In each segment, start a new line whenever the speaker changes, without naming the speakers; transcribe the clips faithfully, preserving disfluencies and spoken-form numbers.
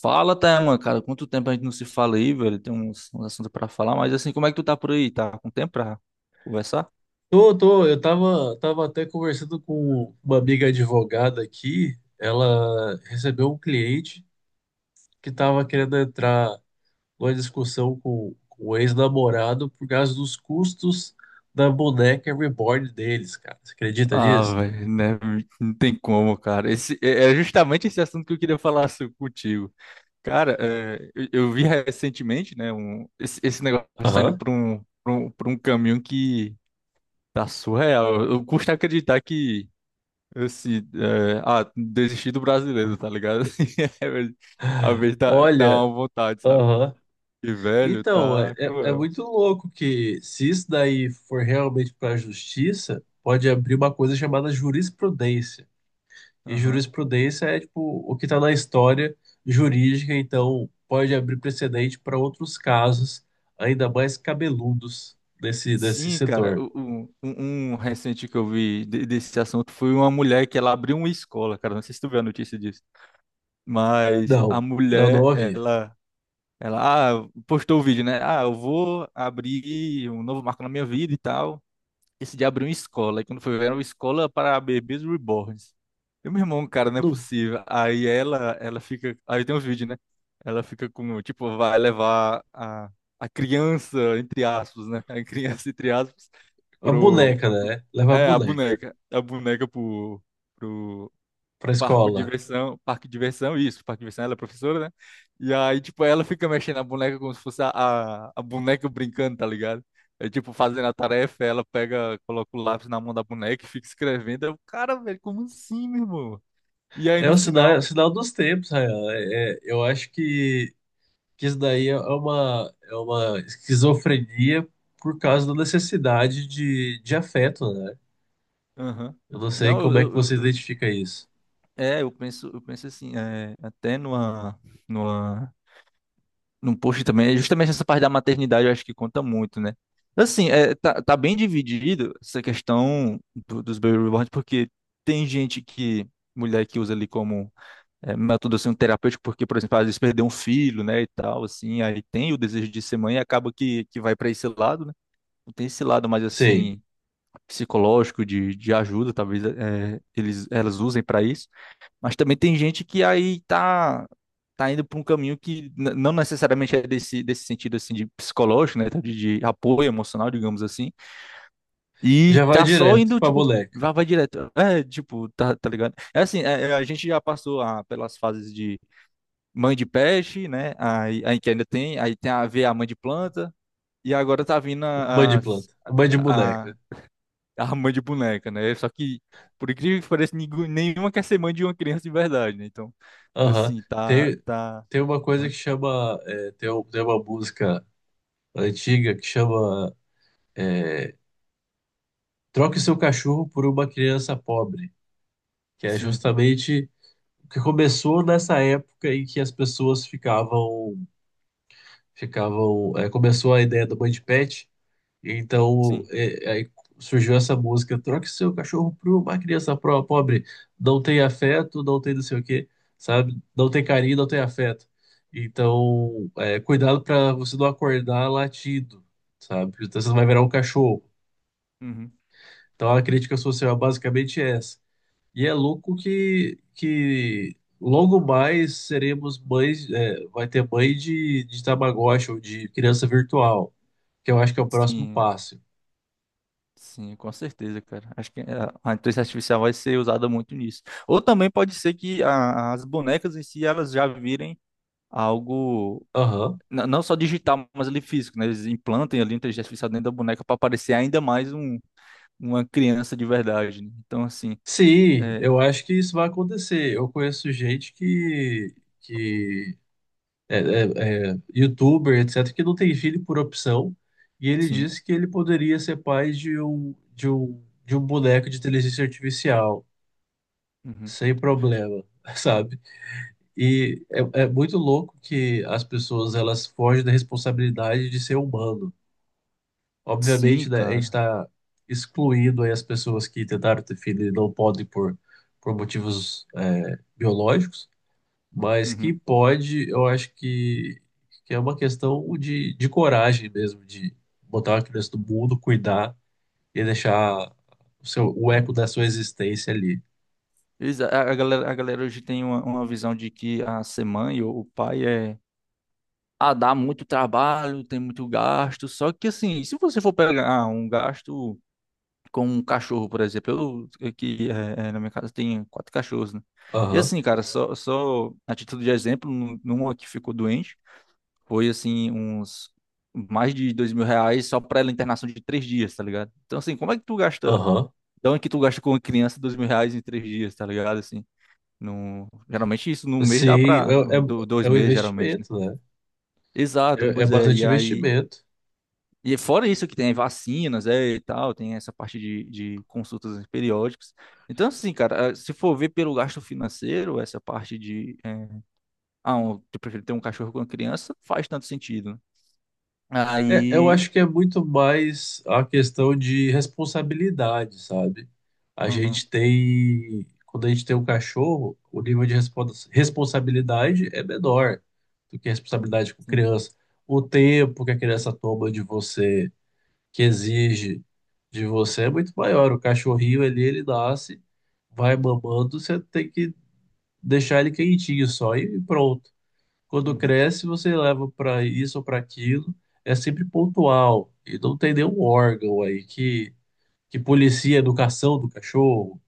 Fala, Thelma, cara. Quanto tempo a gente não se fala aí, velho? Tem uns, uns assuntos pra falar, mas assim, como é que tu tá por aí? Tá com tempo pra conversar?
Tô, tô, eu tava, tava até conversando com uma amiga advogada aqui. Ela recebeu um cliente que tava querendo entrar numa discussão com, com o ex-namorado por causa dos custos da boneca reborn deles, cara. Você acredita
Ah,
nisso?
velho, né? Não tem como, cara. Esse, é é justamente esse assunto que eu queria falar so- contigo. Cara, é, eu, eu vi recentemente, né? Um, esse, esse negócio tá indo
Aham.
pra um, pra um, pra um caminho que tá surreal. Eu custa acreditar que. Assim, é, ah, desistir do brasileiro, tá ligado? Assim, é, velho, às vezes dá, dá
Olha,
uma vontade, sabe?
aham.
Que velho,
Então, é,
tá
é é
cruel.
muito louco que se isso daí for realmente para a justiça, pode abrir uma coisa chamada jurisprudência. E
Aham.
jurisprudência é tipo o que está na história jurídica, então pode abrir precedente para outros casos ainda mais cabeludos desse, desse
Sim, cara,
setor.
o- o- um, um recente que eu vi de- desse assunto foi uma mulher que ela abriu uma escola, cara, não sei se tu viu a notícia disso, mas a
Não, não, não
mulher,
ouvi.
ela, ela ah, postou o vídeo, né? Ah, eu vou abrir um novo marco na minha vida e tal. Esse dia abriu uma escola, e quando foi ver, era uma escola para bebês reborns. E meu irmão, cara, não é
Não.
possível. Aí ela, ela fica, aí tem um vídeo, né? Ela fica com, tipo, vai levar a, a criança, entre aspas, né? A criança, entre aspas,
A
pro,
boneca, né? Leva a
é, a
boneca
boneca, a boneca pro, pro
para
parque de
escola.
diversão, parque de diversão, isso, parque de diversão, ela é professora, né? E aí, tipo, ela fica mexendo a boneca como se fosse a, a, a boneca brincando, tá ligado? É tipo, fazendo a tarefa, ela pega, coloca o lápis na mão da boneca e fica escrevendo. Eu, cara, velho, como assim, meu irmão? E aí
É
no
o sinal, é o
final.
sinal dos tempos, Rayan. É, é- eu acho que, que isso daí é uma, é uma esquizofrenia por causa da necessidade de, de afeto, né?
Aham.
Eu não sei
Não, eu,
como é que
eu, eu-
você
eu-
identifica isso.
é, eu penso, eu penso assim. é, até numa, numa no post também, é justamente essa parte da maternidade eu acho que conta muito, né? Assim, é, tá, tá bem dividido essa questão do- dos baby reborns, porque tem gente que, mulher que usa ali como é, método assim, um terapêutico, porque, por exemplo, às vezes perdeu um filho, né, e tal, assim, aí tem o desejo de ser mãe e acaba que, que vai para esse lado, né? Tem esse lado mais,
Sei.
assim, psicológico, de, de ajuda, talvez é, eles, elas usem para isso. Mas também tem gente que aí tá, tá indo para um caminho que n- não necessariamente é desse, desse sentido assim de psicológico, né? De, de apoio emocional, digamos assim. E
Já vai
tá só
direto
indo,
pra
tipo,
boneca.
vai, vai direto. É, tipo, tá, tá ligado? É assim, é- é, a gente já passou a- pelas fases de mãe de peixe, né? Aí, aí que ainda tem, aí tem a ver a mãe de planta, e agora tá vindo
Mãe de
as.
planta. Mãe de
a
boneca.
a mãe de boneca, né? Só que, por incrível que pareça, ningu- nenhuma quer ser mãe de uma criança de verdade, né? Então,
Aham.
assim, tá,
Tem,
tá,
tem uma coisa
né?
que chama. É, tem, um- tem uma música antiga que chama. É, troque seu cachorro por uma criança pobre. Que é
Sim,
justamente o que começou nessa época em que as pessoas ficavam. Ficavam. É, começou a ideia da mãe de pet. Então,
sim,
é- aí surgiu essa música, troque seu cachorro por uma criança pro- pobre, não tem afeto, não tem não sei o quê, sabe? Não tem carinho, não tem afeto. Então, é, cuidado para você não acordar latido, sabe? Então, você não vai virar um cachorro.
uhum,
Então, a crítica social é basicamente é essa. E é louco que, que logo mais seremos mães, é, vai ter mãe de, de Tamagotchi ou de criança virtual, que eu acho que é o próximo
sim,
passo.
sim, com certeza, cara. Acho que a a inteligência artificial vai ser usada muito nisso. Ou também pode ser que a- as bonecas em si, elas já virem algo.
Aham.
n- Não só digital, mas ali físico, né? Eles implantem ali a inteligência artificial dentro da boneca para parecer ainda mais um, uma criança de verdade, né? Então, assim,
Sim,
é,
eu acho que isso vai acontecer. Eu conheço gente que, que é, é- é youtuber, etcétera, que não tem filho por opção, e ele
sim.
disse que ele poderia ser pai de um, de um, de um boneco de inteligência artificial,
Uhum.
sem problema, sabe? E é, é muito louco que as pessoas elas fogem da responsabilidade de ser humano.
Sim,
Obviamente, né, a gente
cara.
está excluindo aí as pessoas que tentaram ter filho e não podem por, por motivos é, biológicos, mas que
Uhum.
pode, eu acho que, que é uma questão de, de coragem mesmo, de botar uma criança no mundo, cuidar e deixar o seu, o eco da sua existência ali.
Eles- A, a galera, a galera hoje tem uma, uma visão de que a ser mãe ou o pai é. Ah, dá muito trabalho, tem muito gasto. Só que, assim, se você for pegar ah, um gasto com um cachorro, por exemplo, eu aqui é, é, na minha casa tem quatro cachorros, né? E,
Aham,
assim, cara, só, só a título de exemplo, num- numa que ficou doente, foi, assim, uns mais de dois mil reais só pra ela internação de três dias, tá ligado? Então, assim, como é que tu gasta.
aham.
Da onde que tu gasta com uma criança dois mil reais em três dias, tá ligado? Assim, no... geralmente isso num mês dá
Sim,
pra.
é, é,
do- Dois
é um
meses, geralmente, né?
investimento, né?
Exato,
É, é
pois é.
bastante
E aí.
investimento.
E fora isso que tem vacinas, é, e tal, tem essa parte de, de consultas periódicas. Então, assim, cara, eh, se for ver pelo gasto financeiro, essa parte de, eh, ah, um, eu prefiro ter um cachorro com uma criança, faz tanto sentido, né?
É, eu
Aí.
acho que é muito mais a questão de responsabilidade, sabe? A
Uhum,
gente tem, quando a gente tem um cachorro, o nível de respons- responsabilidade é menor do que a responsabilidade com
sim.
criança. O tempo que a criança toma de você, que exige de você, é muito maior. O cachorrinho ali, ele nasce, vai mamando, você tem que deixar ele quentinho só e pronto. Quando
Uhum,
cresce, você leva para isso ou para aquilo, é sempre pontual. E não tem nenhum órgão aí que, que policia a educação do cachorro,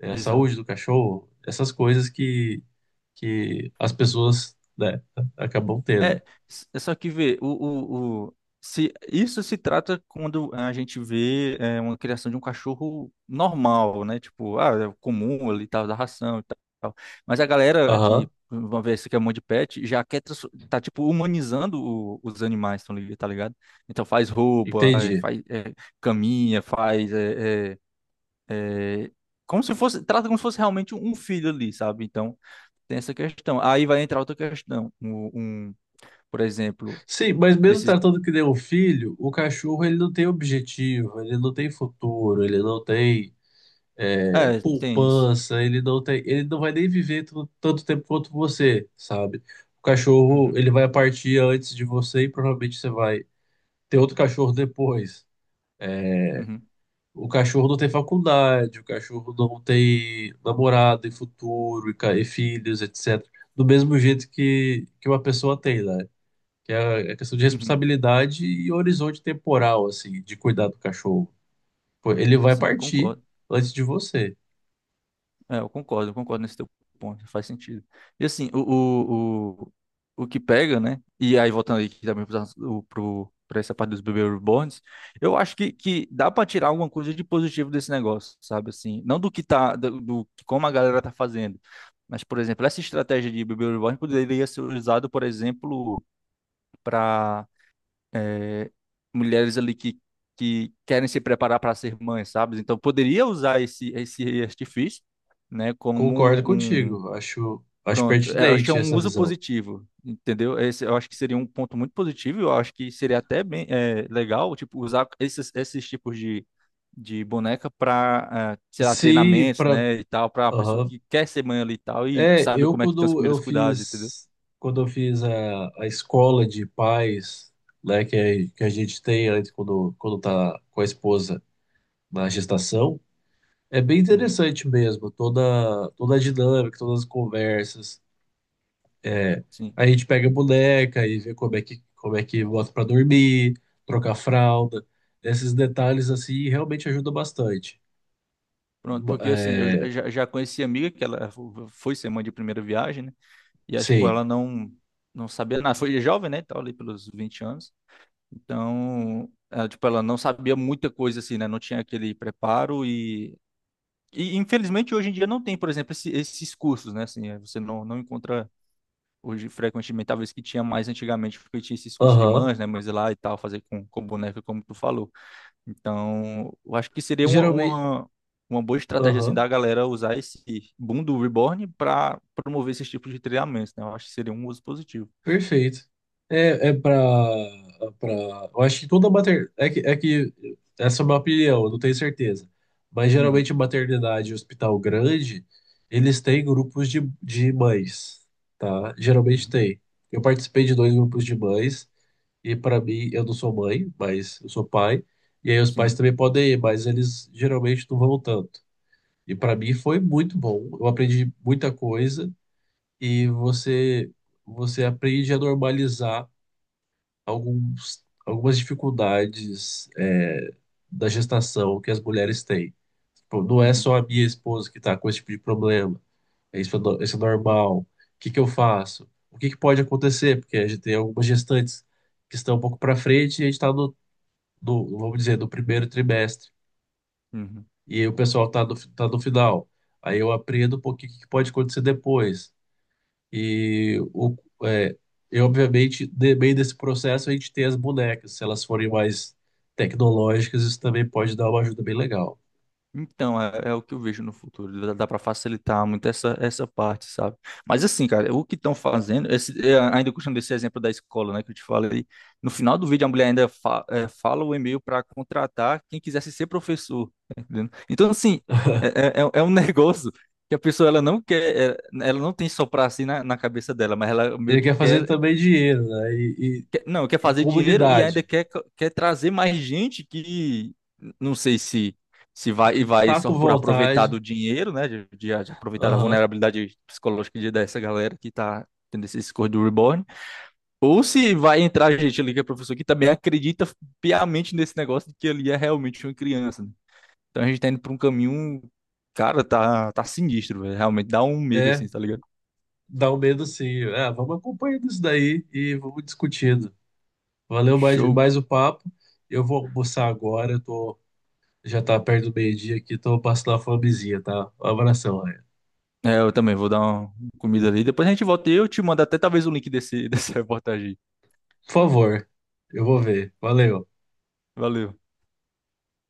eh, a
exato.
saúde do cachorro, essas coisas que, que as pessoas, né, acabam tendo.
É, s- é só que vê, o, o, o- se, isso se trata quando a gente vê é, uma criação de um cachorro normal, né? Tipo, ah, é comum ali, tal, da ração e tal. Mas a galera que,
Aham,
vamos ver, esse que é um monte de pet, já quer, trans- tá, tipo, humanizando o- os animais, tão li- tá ligado? Então faz roupa, aí
entendi.
faz é, caminha, faz, é, é, é, como se fosse, trata como se fosse realmente um filho ali, sabe? Então, tem essa questão. Aí vai entrar outra questão, um, um- por exemplo,
Sim, mas mesmo
desses.
tratando que nem um filho, o cachorro ele não tem objetivo, ele não tem futuro, ele não tem é,
É, tem isso.
poupança, ele não tem, ele não vai nem viver tu- tanto tempo quanto você, sabe? O cachorro,
Uhum,
ele vai partir antes de você e provavelmente você vai ter outro cachorro depois. É,
uhum,
o cachorro não tem faculdade, o cachorro não tem namorado e futuro e, ca- e filhos, etcétera. Do mesmo jeito que, que uma pessoa tem, né? Que é a questão de
uhum.
responsabilidade e horizonte temporal, assim, de cuidar do cachorro. Pô, ele vai
Sim,
partir
concordo.
antes de você.
É, eu concordo, eu concordo nesse teu ponto, faz sentido. E assim, o, o, o, o que pega, né? E aí, voltando aqui também para essa parte dos bebê reborns, eu acho que, que dá para tirar alguma coisa de positivo desse negócio, sabe? Assim, não do que tá, do, do que- como a galera tá fazendo, mas, por exemplo, essa estratégia de bebê reborn poderia ser usada, por exemplo, para. Mulheres ali que, que querem se preparar para ser mães, sabe? Então poderia usar esse esse artifício, né, como
Concordo
um.
contigo. Acho, acho
Pronto, é, eu acho que é
pertinente
um
essa
uso
visão.
positivo, entendeu? Esse, eu acho que seria um ponto muito positivo, eu acho que seria até bem é, legal, tipo, usar esses esses tipos de de boneca para, sei lá,
Se
treinamentos,
para,
né, e tal, para a pessoa que quer ser mãe ali e tal e
é,
sabe
eu
como é que tem os
quando eu
primeiros cuidados, entendeu?
fiz quando eu fiz a, a escola de pais, né, que, é- que a gente tem antes quando quando tá com a esposa na gestação, é bem
Uhum,
interessante mesmo, toda toda a dinâmica, todas as conversas. É,
sim.
a gente pega a boneca e vê como é que como é que bota para dormir, trocar fralda. Esses detalhes assim realmente ajudam bastante.
Pronto, porque assim, eu já,
É,
já já conheci a amiga que ela fo- foi ser mãe de primeira viagem, né? E aí, tipo,
sei.
ela não não sabia nada, foi jovem, né, tal, ali pelos vinte anos. Então, ela, tipo, ela não sabia muita coisa assim, né? Não tinha aquele preparo e e infelizmente hoje em dia não tem, por exemplo, esse- esses cursos, né? Assim, eh, você não não encontra hoje frequentemente, talvez que tinha mais antigamente, porque tinha esses cursos de
Aham.
mães, né, mães lá e tal, fazer com com boneca como tu falou. Então, eu acho que seria uma,
Geralmente.
uma, uma boa estratégia assim,
Aham.
da galera usar esse boom do Reborn para promover esses tipos de treinamentos, né? Eu acho que seria um uso positivo.
Perfeito. É, é pra, é pra. Eu acho que toda maternidade. É que, é que. Essa é uma opinião, eu não tenho certeza. Mas geralmente
Uhum,
maternidade e hospital grande, eles têm grupos de, de mães, tá? Geralmente
uhum,
tem. Eu participei de dois grupos de mães, e para mim, eu não sou mãe, mas eu sou pai. E aí os pais
sim.
também podem ir, mas eles geralmente não vão tanto. E para mim foi muito bom. Eu aprendi muita coisa e você você aprende a normalizar alguns, algumas dificuldades é, da gestação que as mulheres têm. Tipo, não é
Uhum,
só a minha esposa que está com esse tipo de problema. É isso, é no- isso é normal. O que que eu faço? O que que pode acontecer? Porque a gente tem algumas gestantes que estão um pouco para frente e a gente está no, no, vamos dizer, no primeiro trimestre.
uhum.
E aí o pessoal tá do, tá do final. Aí eu aprendo um pouquinho o que que pode acontecer depois. E o, é, eu, obviamente, no meio desse processo, a gente tem as bonecas. Se elas forem mais tecnológicas, isso também pode dar uma ajuda bem legal.
Então, é, é o que eu vejo no futuro. Dá, dá para facilitar muito essa, essa parte, sabe? Mas assim, cara, o que estão fazendo, esse, é, ainda puxando esse exemplo da escola, né, que eu te falei, no final do vídeo a mulher ainda fa- é, fala o e-mail para contratar quem quisesse ser professor, tá entendendo? Então, assim, é, é, é é um negócio que a pessoa ela não quer, é, ela não tem só para si na, na cabeça dela, mas ela meio
Ele
que
quer fazer
quer
também dinheiro, né? E,
quer- não, quer
e, e
fazer dinheiro e ainda
comunidade,
quer, quer trazer mais gente que não sei se se vai e
que
vai
tá com
só por aproveitar
vontade.
do dinheiro, né? De, de- de aproveitar da
Aham.
vulnerabilidade psicológica de- dessa galera que tá tendo esse discurso do Reborn. Ou se vai entrar gente ali que é professor que também acredita piamente nesse negócio de que ali é realmente uma criança, né? Então a gente tá indo pra um caminho, cara, tá, tá sinistro, velho. Realmente dá um medo
É,
assim, tá ligado?
dá um medo sim. É, vamos acompanhando isso daí e vamos discutindo. Valeu mais,
Show.
mais o papo. Eu vou almoçar agora, eu tô Já tá perto do meio-dia aqui, tô passando a fomezinha, tá? Um abração, Ryan.
É, eu também vou dar uma comida ali. Depois a gente volta e eu te mando até talvez o link desse, dessa reportagem.
Por favor, eu vou ver. Valeu.
Valeu.